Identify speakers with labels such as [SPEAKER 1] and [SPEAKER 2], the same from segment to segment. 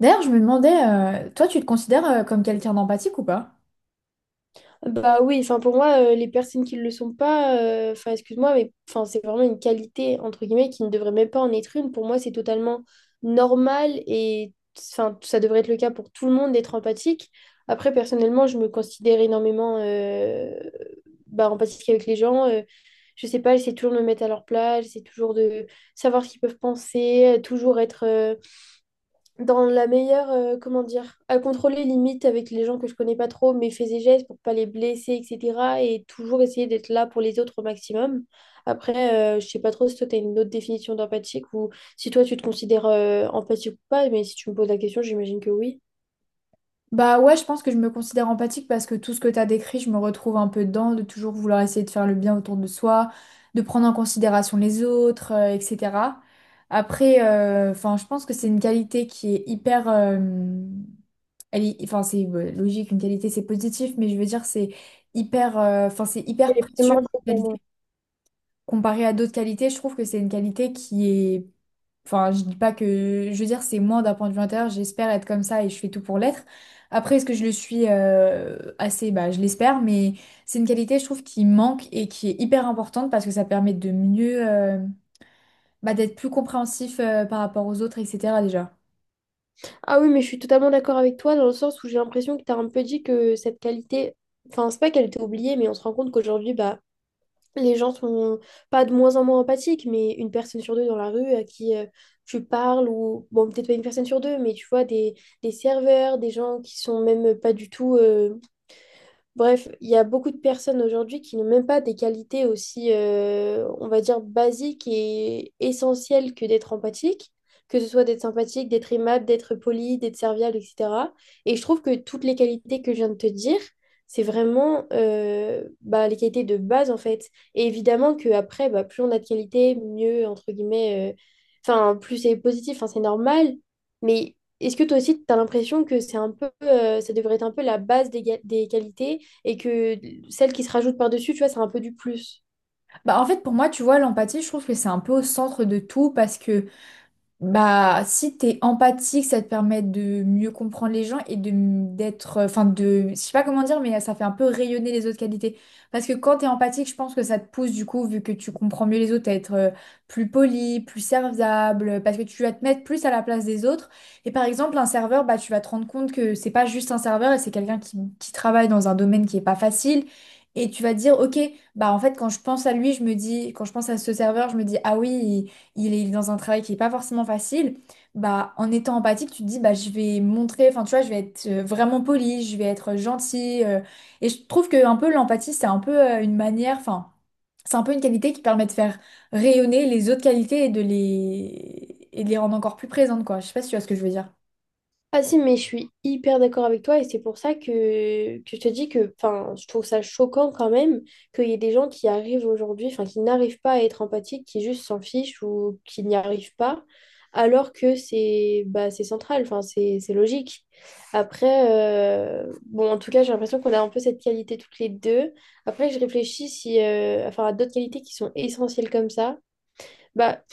[SPEAKER 1] D'ailleurs, je me demandais, toi, tu te considères comme quelqu'un d'empathique ou pas?
[SPEAKER 2] Bah oui, enfin pour moi, les personnes qui ne le sont pas, enfin excuse-moi, mais enfin, c'est vraiment une qualité, entre guillemets, qui ne devrait même pas en être une. Pour moi, c'est totalement normal et enfin, ça devrait être le cas pour tout le monde d'être empathique. Après, personnellement, je me considère énormément bah, empathique avec les gens. Je sais pas, j'essaie toujours de me mettre à leur place, j'essaie toujours de savoir ce qu'ils peuvent penser, toujours être, dans la meilleure, comment dire, à contrôler limite avec les gens que je connais pas trop, mais fais et gestes pour pas les blesser, etc. Et toujours essayer d'être là pour les autres au maximum. Après, je sais pas trop si toi tu as une autre définition d'empathique ou si toi tu te considères empathique ou pas, mais si tu me poses la question, j'imagine que oui.
[SPEAKER 1] Bah ouais, je pense que je me considère empathique parce que tout ce que t'as décrit, je me retrouve un peu dedans, de toujours vouloir essayer de faire le bien autour de soi, de prendre en considération les autres, etc. Après, je pense que c'est une qualité qui est hyper, c'est logique, une qualité c'est positif, mais je veux dire c'est hyper, c'est
[SPEAKER 2] Elle
[SPEAKER 1] hyper
[SPEAKER 2] est
[SPEAKER 1] précieux
[SPEAKER 2] primordiale pour moi.
[SPEAKER 1] comparé à d'autres qualités, je trouve que c'est une qualité qui est... Enfin, je dis pas que... Je veux dire, c'est moi d'un point de vue intérieur, j'espère être comme ça et je fais tout pour l'être. Après, est-ce que je le suis assez? Bah, je l'espère, mais c'est une qualité, je trouve, qui manque et qui est hyper importante parce que ça permet de mieux... bah, d'être plus compréhensif par rapport aux autres, etc. déjà.
[SPEAKER 2] Ah oui, mais je suis totalement d'accord avec toi dans le sens où j'ai l'impression que tu un peu dit que cette qualité, enfin, c'est pas qu'elle était oubliée, mais on se rend compte qu'aujourd'hui, bah, les gens sont pas de moins en moins empathiques, mais une personne sur deux dans la rue à qui tu parles, ou bon, peut-être pas une personne sur deux, mais tu vois, des serveurs, des gens qui sont même pas du tout bref, il y a beaucoup de personnes aujourd'hui qui n'ont même pas des qualités aussi, on va dire, basiques et essentielles que d'être empathique, que ce soit d'être sympathique, d'être aimable, d'être poli, d'être serviable, etc. Et je trouve que toutes les qualités que je viens de te dire, c'est vraiment bah, les qualités de base, en fait. Et évidemment qu'après, bah, plus on a de qualités, mieux, entre guillemets, enfin, plus c'est positif, enfin, c'est normal. Mais est-ce que toi aussi, tu as l'impression que c'est un peu, ça devrait être un peu la base des, des qualités? Et que celle qui se rajoute par-dessus, tu vois, c'est un peu du plus.
[SPEAKER 1] Bah en fait pour moi tu vois l'empathie je trouve que c'est un peu au centre de tout parce que bah, si t'es empathique, ça te permet de mieux comprendre les gens et d'être, je sais pas comment dire, mais ça fait un peu rayonner les autres qualités. Parce que quand t'es empathique, je pense que ça te pousse du coup, vu que tu comprends mieux les autres, à être plus poli, plus serviable, parce que tu vas te mettre plus à la place des autres. Et par exemple, un serveur, bah tu vas te rendre compte que c'est pas juste un serveur, et c'est quelqu'un qui travaille dans un domaine qui est pas facile. Et tu vas te dire, ok, bah en fait, quand je pense à lui, je me dis, quand je pense à ce serveur, je me dis, ah oui il est dans un travail qui est pas forcément facile, bah en étant empathique, tu te dis bah je vais montrer, enfin tu vois, je vais être vraiment polie, je vais être gentille et je trouve que un peu l'empathie, c'est un peu une manière, enfin, c'est un peu une qualité qui permet de faire rayonner les autres qualités et de les rendre encore plus présentes quoi. Je sais pas si tu vois ce que je veux dire.
[SPEAKER 2] Ah si, mais je suis hyper d'accord avec toi et c'est pour ça que je te dis que enfin, je trouve ça choquant quand même qu'il y ait des gens qui arrivent aujourd'hui, enfin qui n'arrivent pas à être empathiques, qui juste s'en fichent ou qui n'y arrivent pas, alors que c'est bah, c'est central, enfin c'est logique. Après, bon, en tout cas, j'ai l'impression qu'on a un peu cette qualité toutes les deux. Après, je réfléchis si, enfin, à d'autres qualités qui sont essentielles comme ça. Bah,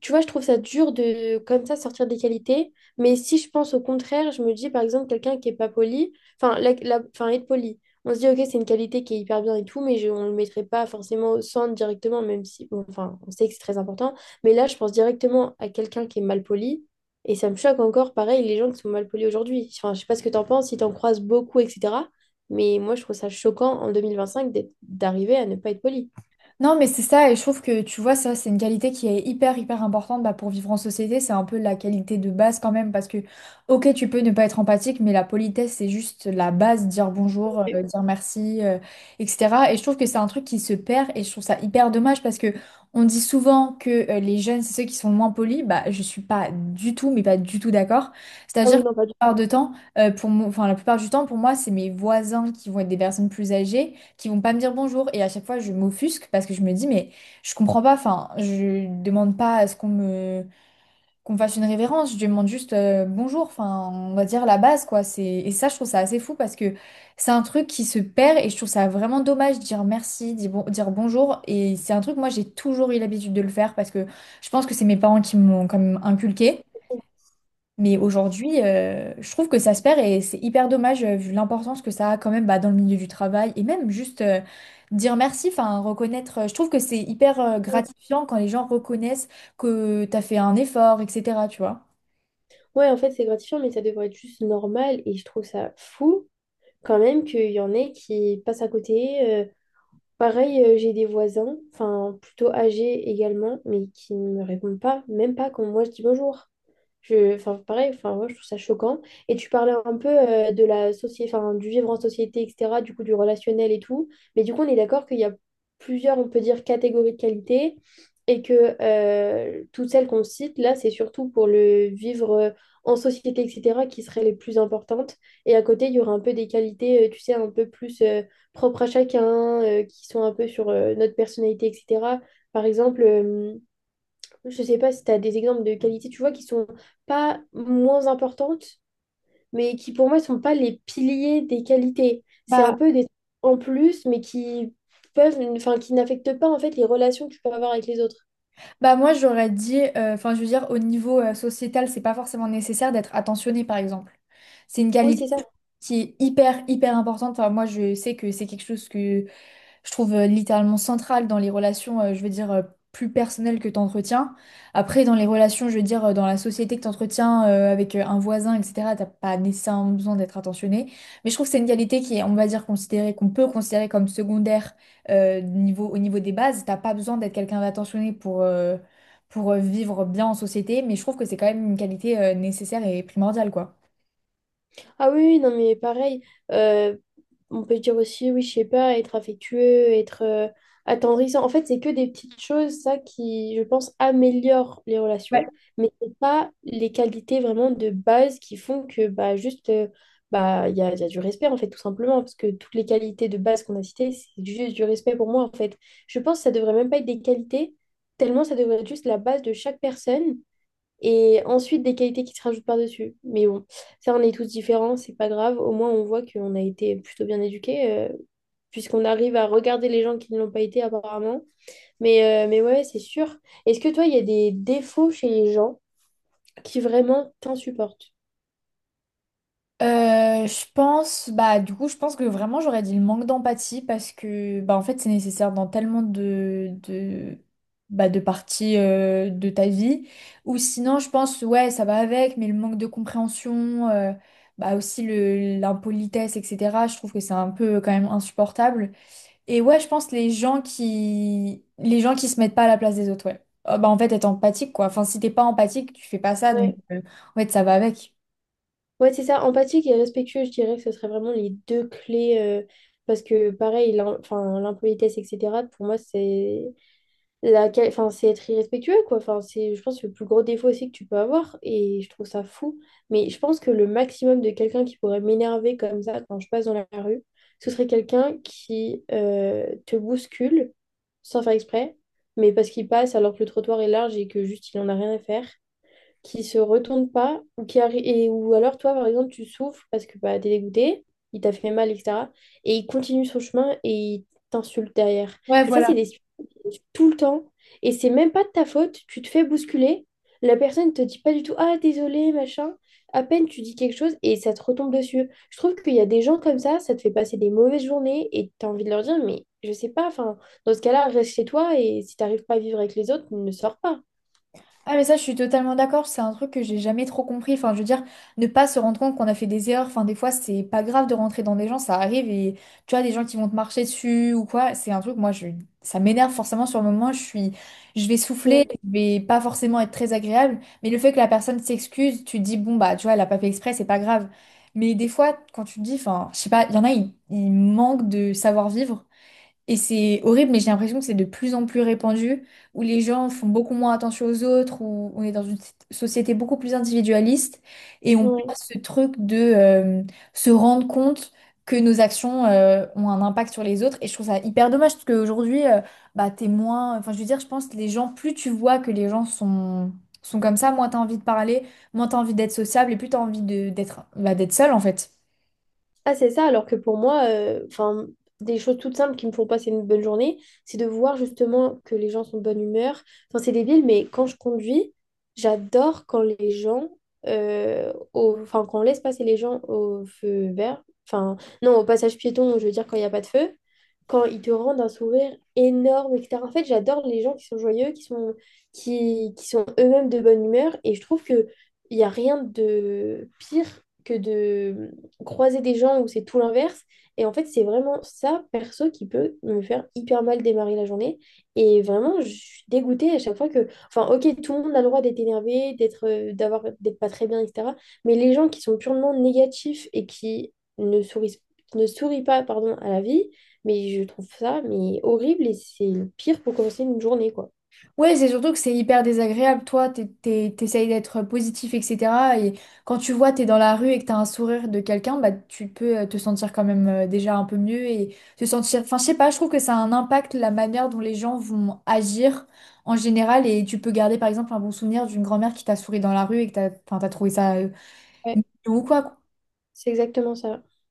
[SPEAKER 2] tu vois, je trouve ça dur de comme ça sortir des qualités. Mais si je pense au contraire, je me dis par exemple quelqu'un qui est pas poli, enfin, enfin être poli. On se dit, ok, c'est une qualité qui est hyper bien et tout, mais je, on ne le mettrait pas forcément au centre directement, même si, bon, enfin, on sait que c'est très important. Mais là, je pense directement à quelqu'un qui est mal poli. Et ça me choque encore, pareil, les gens qui sont mal polis aujourd'hui. Enfin, je sais pas ce que t'en penses, si t'en en croises beaucoup, etc. Mais moi, je trouve ça choquant en 2025 d'arriver à ne pas être poli.
[SPEAKER 1] Non, mais c'est ça, et je trouve que tu vois, ça, c'est une qualité qui est hyper, hyper importante bah, pour vivre en société. C'est un peu la qualité de base quand même, parce que, ok, tu peux ne pas être empathique, mais la politesse, c'est juste la base, dire bonjour,
[SPEAKER 2] Ok.
[SPEAKER 1] dire merci, etc. Et je trouve que c'est un truc qui se perd, et je trouve ça hyper dommage, parce que on dit souvent que les jeunes, c'est ceux qui sont moins polis. Bah, je suis pas du tout, mais pas du tout d'accord.
[SPEAKER 2] Ah
[SPEAKER 1] C'est-à-dire
[SPEAKER 2] oui,
[SPEAKER 1] que
[SPEAKER 2] non, pas du
[SPEAKER 1] la plupart de temps, la plupart du temps, pour moi, c'est mes voisins qui vont être des personnes plus âgées qui vont pas me dire bonjour et à chaque fois je m'offusque parce que je me dis mais je comprends pas enfin je demande pas à ce qu'on me fasse une révérence je demande juste bonjour enfin on va dire la base quoi c'est et ça je trouve ça assez fou parce que c'est un truc qui se perd et je trouve ça vraiment dommage de dire merci dire, dire bonjour et c'est un truc moi j'ai toujours eu l'habitude de le faire parce que je pense que c'est mes parents qui me l'ont quand même inculqué
[SPEAKER 2] tout.
[SPEAKER 1] mais aujourd'hui, je trouve que ça se perd et c'est hyper dommage vu l'importance que ça a quand même bah, dans le milieu du travail et même juste dire merci, enfin reconnaître. Je trouve que c'est hyper gratifiant quand les gens reconnaissent que tu as fait un effort, etc. Tu vois.
[SPEAKER 2] Ouais, en fait, c'est gratifiant, mais ça devrait être juste normal. Et je trouve ça fou quand même qu'il y en ait qui passent à côté. Pareil, j'ai des voisins, enfin plutôt âgés également, mais qui ne me répondent pas, même pas quand moi je dis bonjour. Je, enfin, pareil, enfin, moi, je trouve ça choquant. Et tu parlais un peu de la société, enfin, du vivre en société, etc., du coup, du relationnel et tout. Mais du coup, on est d'accord qu'il y a plusieurs, on peut dire, catégories de qualités et que toutes celles qu'on cite, là, c'est surtout pour le vivre en société, etc., qui seraient les plus importantes. Et à côté, il y aura un peu des qualités, tu sais, un peu plus propres à chacun, qui sont un peu sur notre personnalité, etc. Par exemple, je sais pas si tu as des exemples de qualités, tu vois, qui sont pas moins importantes, mais qui pour moi sont pas les piliers des qualités. C'est un
[SPEAKER 1] Bah,
[SPEAKER 2] peu des trucs en plus, mais qui peuvent, enfin, qui n'affectent pas en fait les relations que tu peux avoir avec les autres.
[SPEAKER 1] bah moi j'aurais dit, je veux dire au niveau sociétal, c'est pas forcément nécessaire d'être attentionné par exemple. C'est une
[SPEAKER 2] Oui, c'est
[SPEAKER 1] qualité
[SPEAKER 2] ça.
[SPEAKER 1] qui est hyper hyper importante. Enfin, moi je sais que c'est quelque chose que je trouve littéralement centrale dans les relations, plus personnelles que tu entretiens. Après, dans les relations, je veux dire, dans la société que tu entretiens avec un voisin, etc., t'as pas nécessairement besoin d'être attentionné. Mais je trouve que c'est une qualité qui est, on va dire, considérée, qu'on peut considérer comme secondaire au niveau des bases. T'as pas besoin d'être quelqu'un d'attentionné pour, vivre bien en société, mais je trouve que c'est quand même une qualité nécessaire et primordiale, quoi.
[SPEAKER 2] Ah oui, oui, non, mais pareil, euh, on peut dire aussi, oui, je sais pas, être affectueux, être attendrissant. En fait, c'est que des petites choses, ça, qui, je pense, améliorent les
[SPEAKER 1] Ouais.
[SPEAKER 2] relations, mais c'est pas les qualités vraiment de base qui font que, bah, juste, bah, il y a du respect, en fait, tout simplement, parce que toutes les qualités de base qu'on a citées, c'est juste du respect pour moi, en fait. Je pense que ça devrait même pas être des qualités, tellement ça devrait être juste la base de chaque personne. Et ensuite, des qualités qui se rajoutent par-dessus. Mais bon, ça, on est tous différents, c'est pas grave. Au moins, on voit qu'on a été plutôt bien éduqués, puisqu'on arrive à regarder les gens qui ne l'ont pas été, apparemment. Mais ouais, c'est sûr. Est-ce que toi, il y a des défauts chez les gens qui vraiment t'insupportent?
[SPEAKER 1] Je pense, bah du coup, je pense que vraiment j'aurais dit le manque d'empathie parce que bah en fait c'est nécessaire dans tellement de bah de parties de ta vie. Ou sinon, je pense ouais ça va avec, mais le manque de compréhension, bah aussi le l'impolitesse, etc. Je trouve que c'est un peu quand même insupportable. Et ouais, je pense les gens qui se mettent pas à la place des autres, ouais. Bah en fait être empathique quoi. Enfin si t'es pas empathique, tu fais pas ça, donc
[SPEAKER 2] Ouais,
[SPEAKER 1] en fait ça va avec.
[SPEAKER 2] ouais, c'est ça. Empathique et respectueux, je dirais que ce serait vraiment les deux clés. Parce que, pareil, enfin, l'impolitesse, etc., pour moi, c'est enfin, c'est être irrespectueux, quoi. Enfin, c'est, je pense, le plus gros défaut aussi que tu peux avoir. Et je trouve ça fou. Mais je pense que le maximum de quelqu'un qui pourrait m'énerver comme ça quand je passe dans la rue, ce serait quelqu'un qui te bouscule sans faire exprès, mais parce qu'il passe alors que le trottoir est large et que juste il en a rien à faire qui se retourne pas, ou, ou alors toi, par exemple, tu souffres parce que bah, t'es dégoûté, il t'a fait mal, etc. Et il continue son chemin et il t'insulte derrière.
[SPEAKER 1] Ouais,
[SPEAKER 2] Et ça,
[SPEAKER 1] voilà.
[SPEAKER 2] c'est des tout le temps. Et c'est même pas de ta faute, tu te fais bousculer, la personne te dit pas du tout, ah, désolé, machin. À peine tu dis quelque chose et ça te retombe dessus. Je trouve qu'il y a des gens comme ça te fait passer des mauvaises journées et t'as envie de leur dire, mais je sais pas, enfin, dans ce cas-là, reste chez toi et si t'arrives pas à vivre avec les autres, ne sors pas.
[SPEAKER 1] Ah mais ça je suis totalement d'accord, c'est un truc que j'ai jamais trop compris. Enfin je veux dire, ne pas se rendre compte qu'on a fait des erreurs, enfin des fois c'est pas grave de rentrer dans des gens, ça arrive et tu vois des gens qui vont te marcher dessus ou quoi, c'est un truc moi je ça m'énerve forcément sur le moment, je suis je vais souffler,
[SPEAKER 2] Ouais.
[SPEAKER 1] je vais pas forcément être très agréable, mais le fait que la personne s'excuse, tu te dis bon bah tu vois elle a pas fait exprès, c'est pas grave. Mais des fois quand tu te dis enfin je sais pas, il y en a ils manquent de savoir-vivre et c'est horrible, mais j'ai l'impression que c'est de plus en plus répandu, où les gens font beaucoup moins attention aux autres, où on est dans une société beaucoup plus individualiste, et on
[SPEAKER 2] Ouais.
[SPEAKER 1] perd ce truc de se rendre compte que nos actions ont un impact sur les autres. Et je trouve ça hyper dommage, parce qu'aujourd'hui, bah, t'es moins... Enfin, je veux dire, je pense que les gens, plus tu vois que les gens sont comme ça, moins t'as envie de parler, moins t'as envie d'être sociable, et plus t'as envie de, d'être, bah, d'être seul, en fait.
[SPEAKER 2] Ah, c'est ça, alors que pour moi, enfin, des choses toutes simples qui me font passer une bonne journée, c'est de voir justement que les gens sont de bonne humeur. Enfin, c'est débile, mais quand je conduis, j'adore quand les gens, enfin, quand on laisse passer les gens au feu vert, enfin, non, au passage piéton, je veux dire quand il n'y a pas de feu, quand ils te rendent un sourire énorme, etc. En fait, j'adore les gens qui sont joyeux, qui sont eux-mêmes de bonne humeur, et je trouve que il n'y a rien de pire que de croiser des gens où c'est tout l'inverse. Et en fait, c'est vraiment ça, perso, qui peut me faire hyper mal démarrer la journée. Et vraiment, je suis dégoûtée à chaque fois que... Enfin, ok, tout le monde a le droit d'être énervé, d'être, d'être pas très bien, etc. Mais les gens qui sont purement négatifs et qui ne sourient pas, pardon, à la vie, mais je trouve ça mais horrible et c'est le pire pour commencer une journée, quoi.
[SPEAKER 1] Ouais, c'est surtout que c'est hyper désagréable. Toi, t'essayes d'être positif, etc. Et quand tu vois, t'es dans la rue et que t'as un sourire de quelqu'un, bah, tu peux te sentir quand même déjà un peu mieux et te sentir. Enfin, je sais pas, je trouve que ça a un impact la manière dont les gens vont agir en général. Et tu peux garder, par exemple, un bon souvenir d'une grand-mère qui t'a souri dans la rue et que t'as, enfin, t'as trouvé ça
[SPEAKER 2] Ouais,
[SPEAKER 1] mignon ou quoi.
[SPEAKER 2] c'est exactement ça.